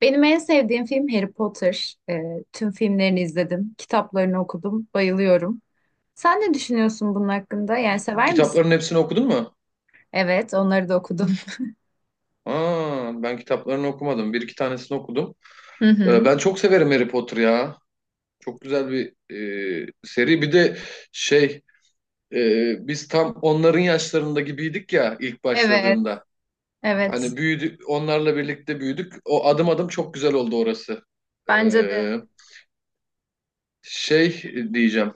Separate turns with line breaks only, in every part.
Benim en sevdiğim film Harry Potter. Tüm filmlerini izledim, kitaplarını okudum, bayılıyorum. Sen ne düşünüyorsun bunun hakkında? Yani sever
Kitapların
misin?
hepsini okudun mu?
Evet, onları da okudum.
Aa, ben kitaplarını okumadım. Bir iki tanesini okudum.
Hı hı.
Ben çok severim Harry Potter ya. Çok güzel bir seri. Bir de şey biz tam onların yaşlarında gibiydik ya ilk
Evet,
başladığında.
evet.
Hani büyüdük, onlarla birlikte büyüdük. O adım adım çok güzel oldu orası.
Bence de.
Ee, şey diyeceğim.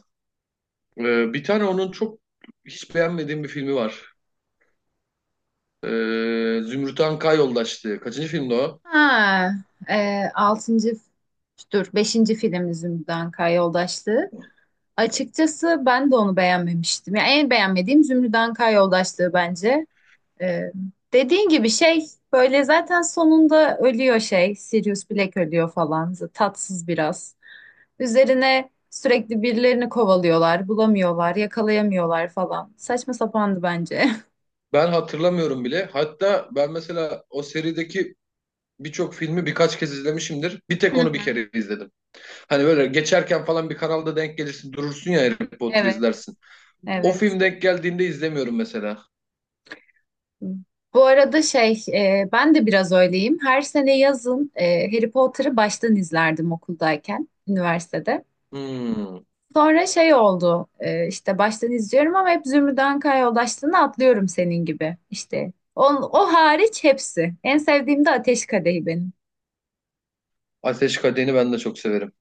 Bir tane onun çok hiç beğenmediğim bir filmi var. Zümrüt Anka Yoldaşlığı. Kaçıncı filmdi o?
Ha, altıncı, dur, beşinci film Zümrüt Anka Yoldaşlığı. Açıkçası ben de onu beğenmemiştim. Yani en beğenmediğim Zümrüt Anka Yoldaşlığı bence. Ee, dediğin gibi şey böyle zaten sonunda ölüyor şey. Sirius Black ölüyor falan. Tatsız biraz. Üzerine sürekli birilerini kovalıyorlar. Bulamıyorlar, yakalayamıyorlar falan. Saçma sapandı bence.
Ben hatırlamıyorum bile. Hatta ben mesela o serideki birçok filmi birkaç kez izlemişimdir. Bir
Hı
tek onu bir
hı.
kere izledim. Hani böyle geçerken falan bir kanalda denk gelirsin durursun ya Harry Potter
Evet.
izlersin. O
Evet.
film denk geldiğinde izlemiyorum mesela.
Bu arada şey, ben de biraz öyleyim. Her sene yazın Harry Potter'ı baştan izlerdim okuldayken, üniversitede.
Hmm.
Sonra şey oldu işte baştan izliyorum ama hep Zümrüt yoldaşlığını atlıyorum senin gibi işte. O hariç hepsi. En sevdiğim de Ateş Kadehi benim.
Ateş Kadehi'ni ben de çok severim.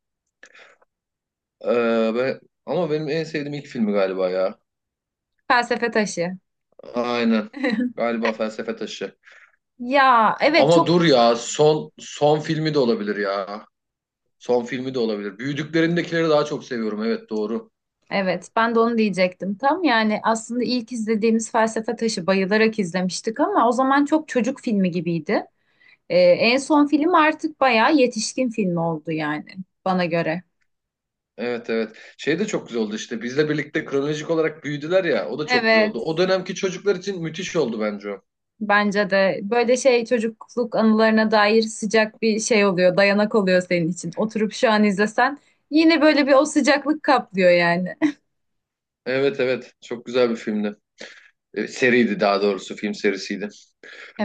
Ee, ve- ama benim en sevdiğim ilk filmi galiba ya.
Felsefe taşı.
Aynen. Galiba Felsefe Taşı.
Ya evet,
Ama
çok
dur ya
güzel.
son son filmi de olabilir ya. Son filmi de olabilir. Büyüdüklerindekileri daha çok seviyorum. Evet, doğru.
Evet, ben de onu diyecektim tam yani aslında ilk izlediğimiz Felsefe Taşı bayılarak izlemiştik ama o zaman çok çocuk filmi gibiydi. En son film artık bayağı yetişkin filmi oldu yani bana göre.
Evet, evet. Şey de çok güzel oldu işte. Bizle birlikte kronolojik olarak büyüdüler ya. O da çok güzel oldu.
Evet.
O dönemki çocuklar için müthiş oldu bence o.
Bence de böyle şey çocukluk anılarına dair sıcak bir şey oluyor, dayanak oluyor senin için. Oturup şu an izlesen yine böyle bir o sıcaklık kaplıyor yani.
Evet, evet. Çok güzel bir filmdi. Seriydi daha doğrusu. Film serisiydi.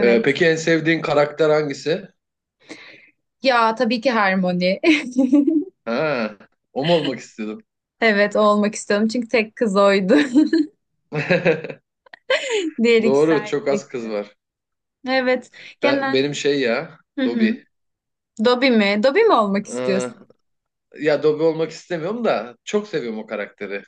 Peki en sevdiğin karakter hangisi?
Ya tabii ki Harmony.
Ha, o mu olmak istiyordum?
Evet, o olmak istiyorum çünkü tek kız oydu. Diğer ikisi
Doğru. Çok az
erkekti.
kız var.
Evet, genel.
Benim şey ya.
Hı
Dobby.
hı. Dobby mi? Dobby mi olmak
Ee,
istiyorsun?
ya Dobby olmak istemiyorum da çok seviyorum o karakteri.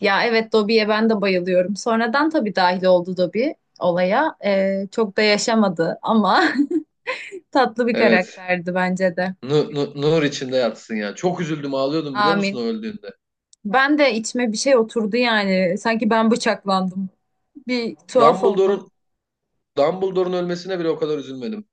Ya evet, Dobby'ye ben de bayılıyorum. Sonradan tabii dahil oldu Dobby olaya. Çok da yaşamadı ama Tatlı bir
Evet.
karakterdi bence de.
Nur içinde yatsın ya. Çok üzüldüm, ağlıyordum biliyor musun o
Amin.
öldüğünde.
Ben de içime bir şey oturdu yani. Sanki ben bıçaklandım. Bir tuhaf oldum.
Dumbledore'un Dumbledore'un ölmesine bile o kadar üzülmedim.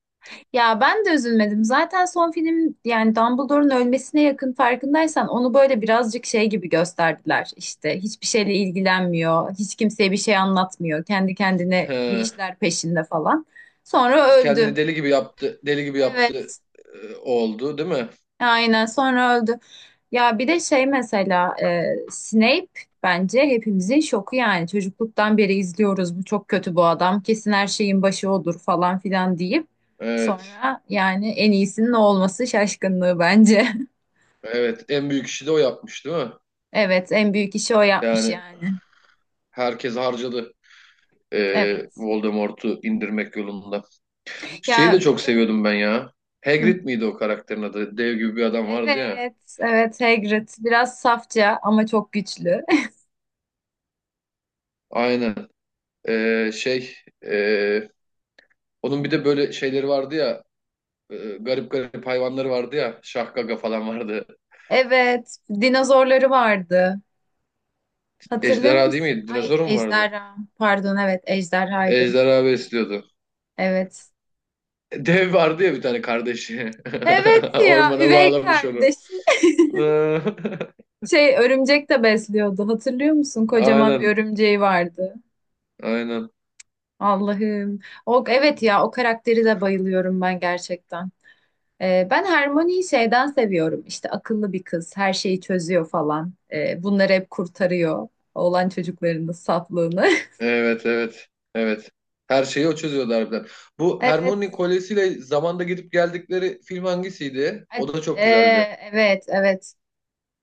Ya ben de üzülmedim. Zaten son film yani Dumbledore'un ölmesine yakın farkındaysan onu böyle birazcık şey gibi gösterdiler. İşte hiçbir şeyle ilgilenmiyor. Hiç kimseye bir şey anlatmıyor. Kendi kendine bir
He,
işler peşinde falan. Sonra öldü.
kendini deli gibi yaptı, deli gibi yaptı
Evet.
oldu, değil mi?
Aynen sonra öldü. Ya bir de şey mesela Snape bence hepimizin şoku yani çocukluktan beri izliyoruz, bu çok kötü, bu adam kesin her şeyin başı odur falan filan deyip
Evet,
sonra yani en iyisinin o olması şaşkınlığı bence.
evet. En büyük işi de o yapmış, değil mi?
Evet, en büyük işi o yapmış
Yani
yani.
herkes harcadı
Evet.
Voldemort'u indirmek yolunda. Şeyi de
Ya bir
çok
de
seviyordum ben ya.
Hı.
Hagrid miydi o karakterin adı? Dev gibi bir adam vardı ya.
Evet, evet, Hagrid biraz safça ama çok güçlü.
Aynen. Şey, e, onun bir de böyle şeyleri vardı ya. Garip garip hayvanları vardı ya. Şahgaga falan vardı.
Evet, dinozorları vardı. Hatırlıyor
Ejderha değil
musun?
miydi?
Ay
Dinozor mu vardı?
Ejderha. Pardon, evet Ejderha'ydı.
Ejderha besliyordu.
Evet.
Dev vardı ya bir tane kardeşi.
Evet ya,
Ormana
üvey
bağlamış onu.
kardeşi. Şey örümcek de besliyordu. Hatırlıyor musun? Kocaman bir
Aynen,
örümceği vardı.
aynen.
Allah'ım. O, evet ya, o karakteri de bayılıyorum ben gerçekten. Ben Hermione'yi şeyden seviyorum. İşte akıllı bir kız. Her şeyi çözüyor falan. Bunları hep kurtarıyor. Oğlan çocuklarının saflığını.
Evet, evet, evet. Her şeyi o çözüyordu harbiden. Bu
Evet.
Hermione kolyesiyle zamanda gidip geldikleri film hangisiydi?
E-
O da çok güzeldi.
evet, evet.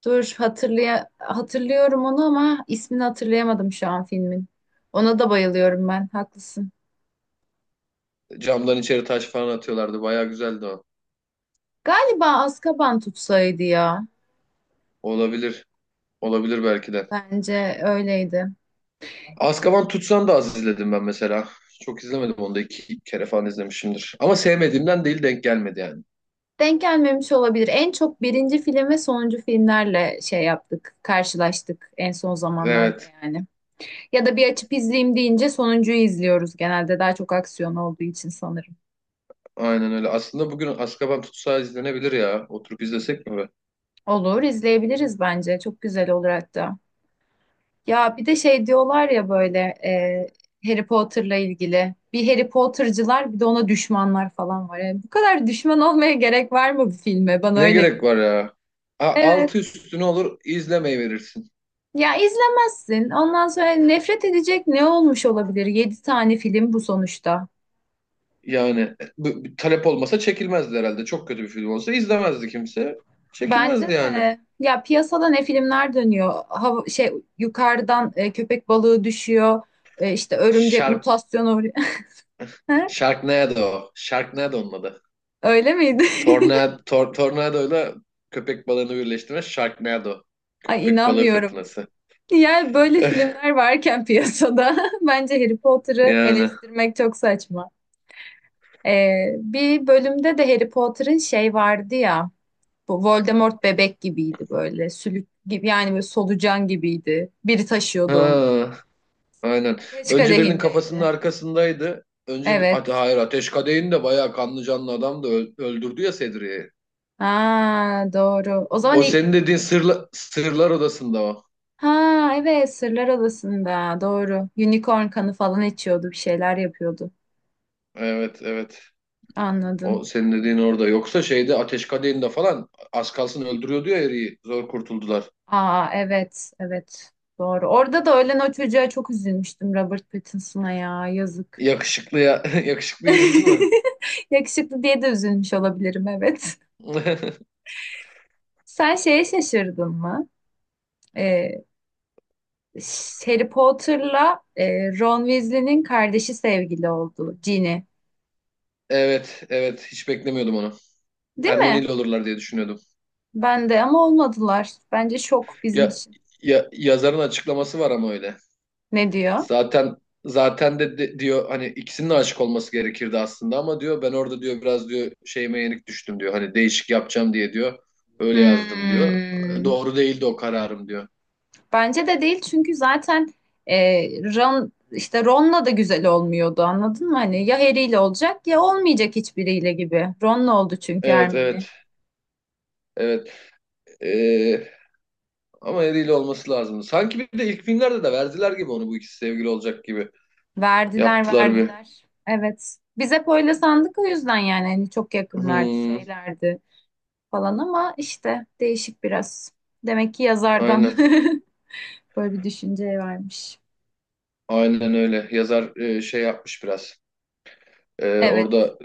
Dur, hatırlıyorum onu ama ismini hatırlayamadım şu an filmin. Ona da bayılıyorum ben. Haklısın.
Camdan içeri taş falan atıyorlardı. Baya güzeldi o.
Galiba Azkaban tutsaydı ya.
Olabilir. Olabilir belki de.
Bence öyleydi.
Azkaban Tutsan da az izledim ben mesela. Çok izlemedim onu da, iki kere falan izlemişimdir. Ama sevmediğimden değil, denk gelmedi yani.
Denk gelmemiş olabilir. En çok birinci film ve sonuncu filmlerle şey yaptık, karşılaştık en son zamanlarda
Evet.
yani. Ya da bir açıp izleyeyim deyince sonuncuyu izliyoruz genelde. Daha çok aksiyon olduğu için sanırım.
Aynen öyle. Aslında bugün Azkaban Tutsağı izlenebilir ya. Oturup izlesek mi be?
Olur, izleyebiliriz bence. Çok güzel olur hatta. Ya bir de şey diyorlar ya böyle Harry Potter'la ilgili. Bir Harry Potter'cılar bir de ona düşmanlar falan var. Yani bu kadar düşman olmaya gerek var mı bu filme? Bana
Ne
öyle
gerek
geliyor.
var ya? A,
Evet.
altı üstüne olur izlemeyi verirsin.
Ya izlemezsin. Ondan sonra nefret edecek ne olmuş olabilir? Yedi tane film bu sonuçta.
Yani bu talep olmasa çekilmezdi herhalde. Çok kötü bir film olsa izlemezdi kimse.
Bence
Çekilmezdi yani.
de ya, piyasada ne filmler dönüyor? Hava, şey, yukarıdan köpek balığı düşüyor. E, işte örümcek
Shark,
mutasyonu uğruyor.
Sharknado. Sharknado onun adı.
Öyle miydi?
Tornado, tornadoyla köpek balığını birleştirme Sharknado.
Ay
Köpek balığı
inanmıyorum.
fırtınası.
Yani böyle filmler varken piyasada bence Harry Potter'ı
Yani.
eleştirmek çok saçma. Bir bölümde de Harry Potter'ın şey vardı ya, bu Voldemort bebek gibiydi böyle, sülük gibi, yani böyle solucan gibiydi. Biri taşıyordu onu.
Ha. Aynen.
Ateş
Önce birinin kafasının
kadehindeydi.
arkasındaydı. Önce
Evet.
hayır Ateş Kadehin de bayağı kanlı canlı adam da öldürdü ya Sedriye'yi.
Ha doğru. O zaman
O senin dediğin sırlar odasında o.
ha evet, Sırlar Adası'nda doğru. Unicorn kanı falan içiyordu, bir şeyler yapıyordu.
Evet, evet.
Anladım.
O senin dediğin orada. Yoksa şeyde Ateş Kadehin'de falan az kalsın öldürüyordu ya eriyi. Zor kurtuldular.
Aa evet, evet doğru. Orada da ölen o çocuğa çok üzülmüştüm, Robert Pattinson'a ya, yazık.
Yakışıklıya yakışıklı üzüldün mü?
Yakışıklı diye de üzülmüş olabilirim, evet. Sen şeye şaşırdın mı? Ee, Harry Potter'la Ron Weasley'nin kardeşi sevgili oldu, Ginny.
Evet, evet, hiç beklemiyordum onu.
Değil
Hermione
mi?
ile olurlar diye düşünüyordum.
Ben de, ama olmadılar. Bence şok bizim
Ya,
için.
ya yazarın açıklaması var ama öyle.
Ne diyor?
Zaten zaten diyor hani ikisinin de aşık olması gerekirdi aslında ama diyor, ben orada diyor biraz diyor şeyime yenik düştüm diyor. Hani değişik yapacağım diye diyor. Öyle yazdım diyor.
Hmm.
Doğru değildi o kararım diyor.
Bence de değil çünkü zaten e, Ron, işte Ron'la da güzel olmuyordu, anladın mı? Hani ya Harry'yle olacak ya olmayacak, hiçbiriyle gibi. Ron'la oldu çünkü
Evet,
Hermione.
evet, evet. Ee, ama eriyle olması lazım. Sanki bir de ilk filmlerde de verdiler gibi onu, bu ikisi sevgili olacak gibi
Verdiler,
yaptılar bir.
verdiler. Evet. Biz hep öyle sandık o yüzden yani, hani çok yakınlardı,
Hmm,
şeylerdi falan ama işte değişik biraz. Demek ki yazardan
aynen,
böyle bir düşünceye varmış.
aynen öyle. Yazar şey yapmış biraz.
Evet.
Orada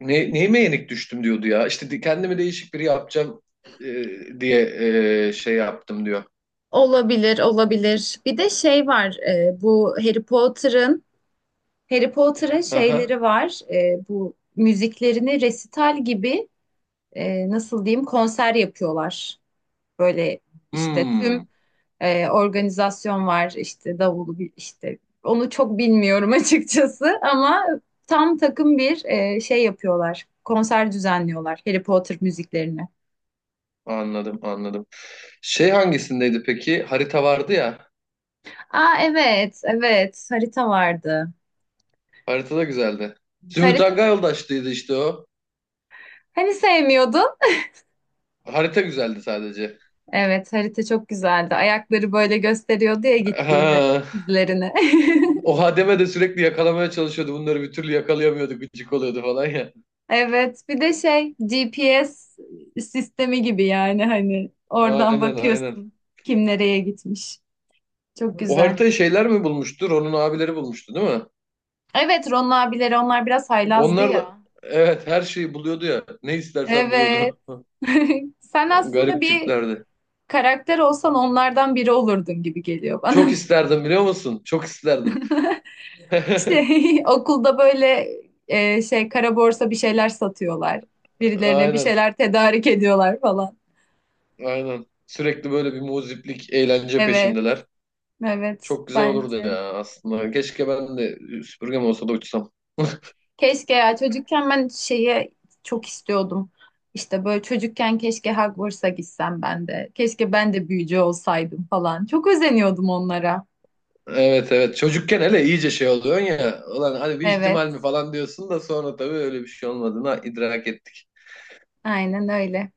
neyime yenik düştüm diyordu ya. İşte kendimi değişik biri yapacağım e, diye şey yaptım diyor.
Olabilir, olabilir. Bir de şey var, bu Harry Potter'ın
Hı hı.
şeyleri var. Bu müziklerini resital gibi, nasıl diyeyim, konser yapıyorlar. Böyle işte
Hmm,
tüm organizasyon var işte, davulu işte onu çok bilmiyorum açıkçası, ama tam takım bir şey yapıyorlar. Konser düzenliyorlar Harry Potter müziklerini.
anladım, anladım. Şey hangisindeydi peki? Harita vardı ya.
Aa evet, evet harita vardı.
Harita da güzeldi. Zümrüt
Harita,
Anka Yoldaş'tıydı işte o.
hani sevmiyordun?
Harita güzeldi sadece.
Evet, harita çok güzeldi. Ayakları böyle gösteriyordu ya gittiğini,
Ha,
izlerini.
o Hademe de sürekli yakalamaya çalışıyordu. Bunları bir türlü yakalayamıyordu. Gıcık oluyordu falan ya.
Evet, bir de şey, GPS sistemi gibi yani, hani oradan
Aynen, aynen.
bakıyorsun kim nereye gitmiş. Çok
O
güzel.
haritayı şeyler mi bulmuştu? Ron'un abileri bulmuştu, değil mi?
Evet, Ron abileri onlar biraz haylazdı
Onlar da,
ya.
evet, her şeyi buluyordu ya. Ne istersen
Evet.
buluyordu.
Sen aslında
Garip
bir
tiplerdi.
karakter olsan onlardan biri olurdun gibi geliyor bana.
Çok isterdim biliyor musun? Çok isterdim.
İşte okulda böyle şey kara borsa bir şeyler satıyorlar. Birilerine bir
Aynen.
şeyler tedarik ediyorlar falan.
Aynen. Sürekli böyle bir muziplik, eğlence
Evet,
peşindeler.
evet
Çok güzel olurdu
bence.
ya aslında. Keşke ben de süpürgem olsa da uçsam.
Keşke ya, çocukken ben şeye çok istiyordum. İşte böyle çocukken keşke Hogwarts'a gitsem ben de. Keşke ben de büyücü olsaydım falan. Çok özeniyordum onlara.
Evet, evet. Çocukken hele iyice şey oluyorsun ya. Ulan hani bir
Evet,
ihtimal mi falan diyorsun da sonra tabii öyle bir şey olmadığını idrak ettik.
aynen öyle.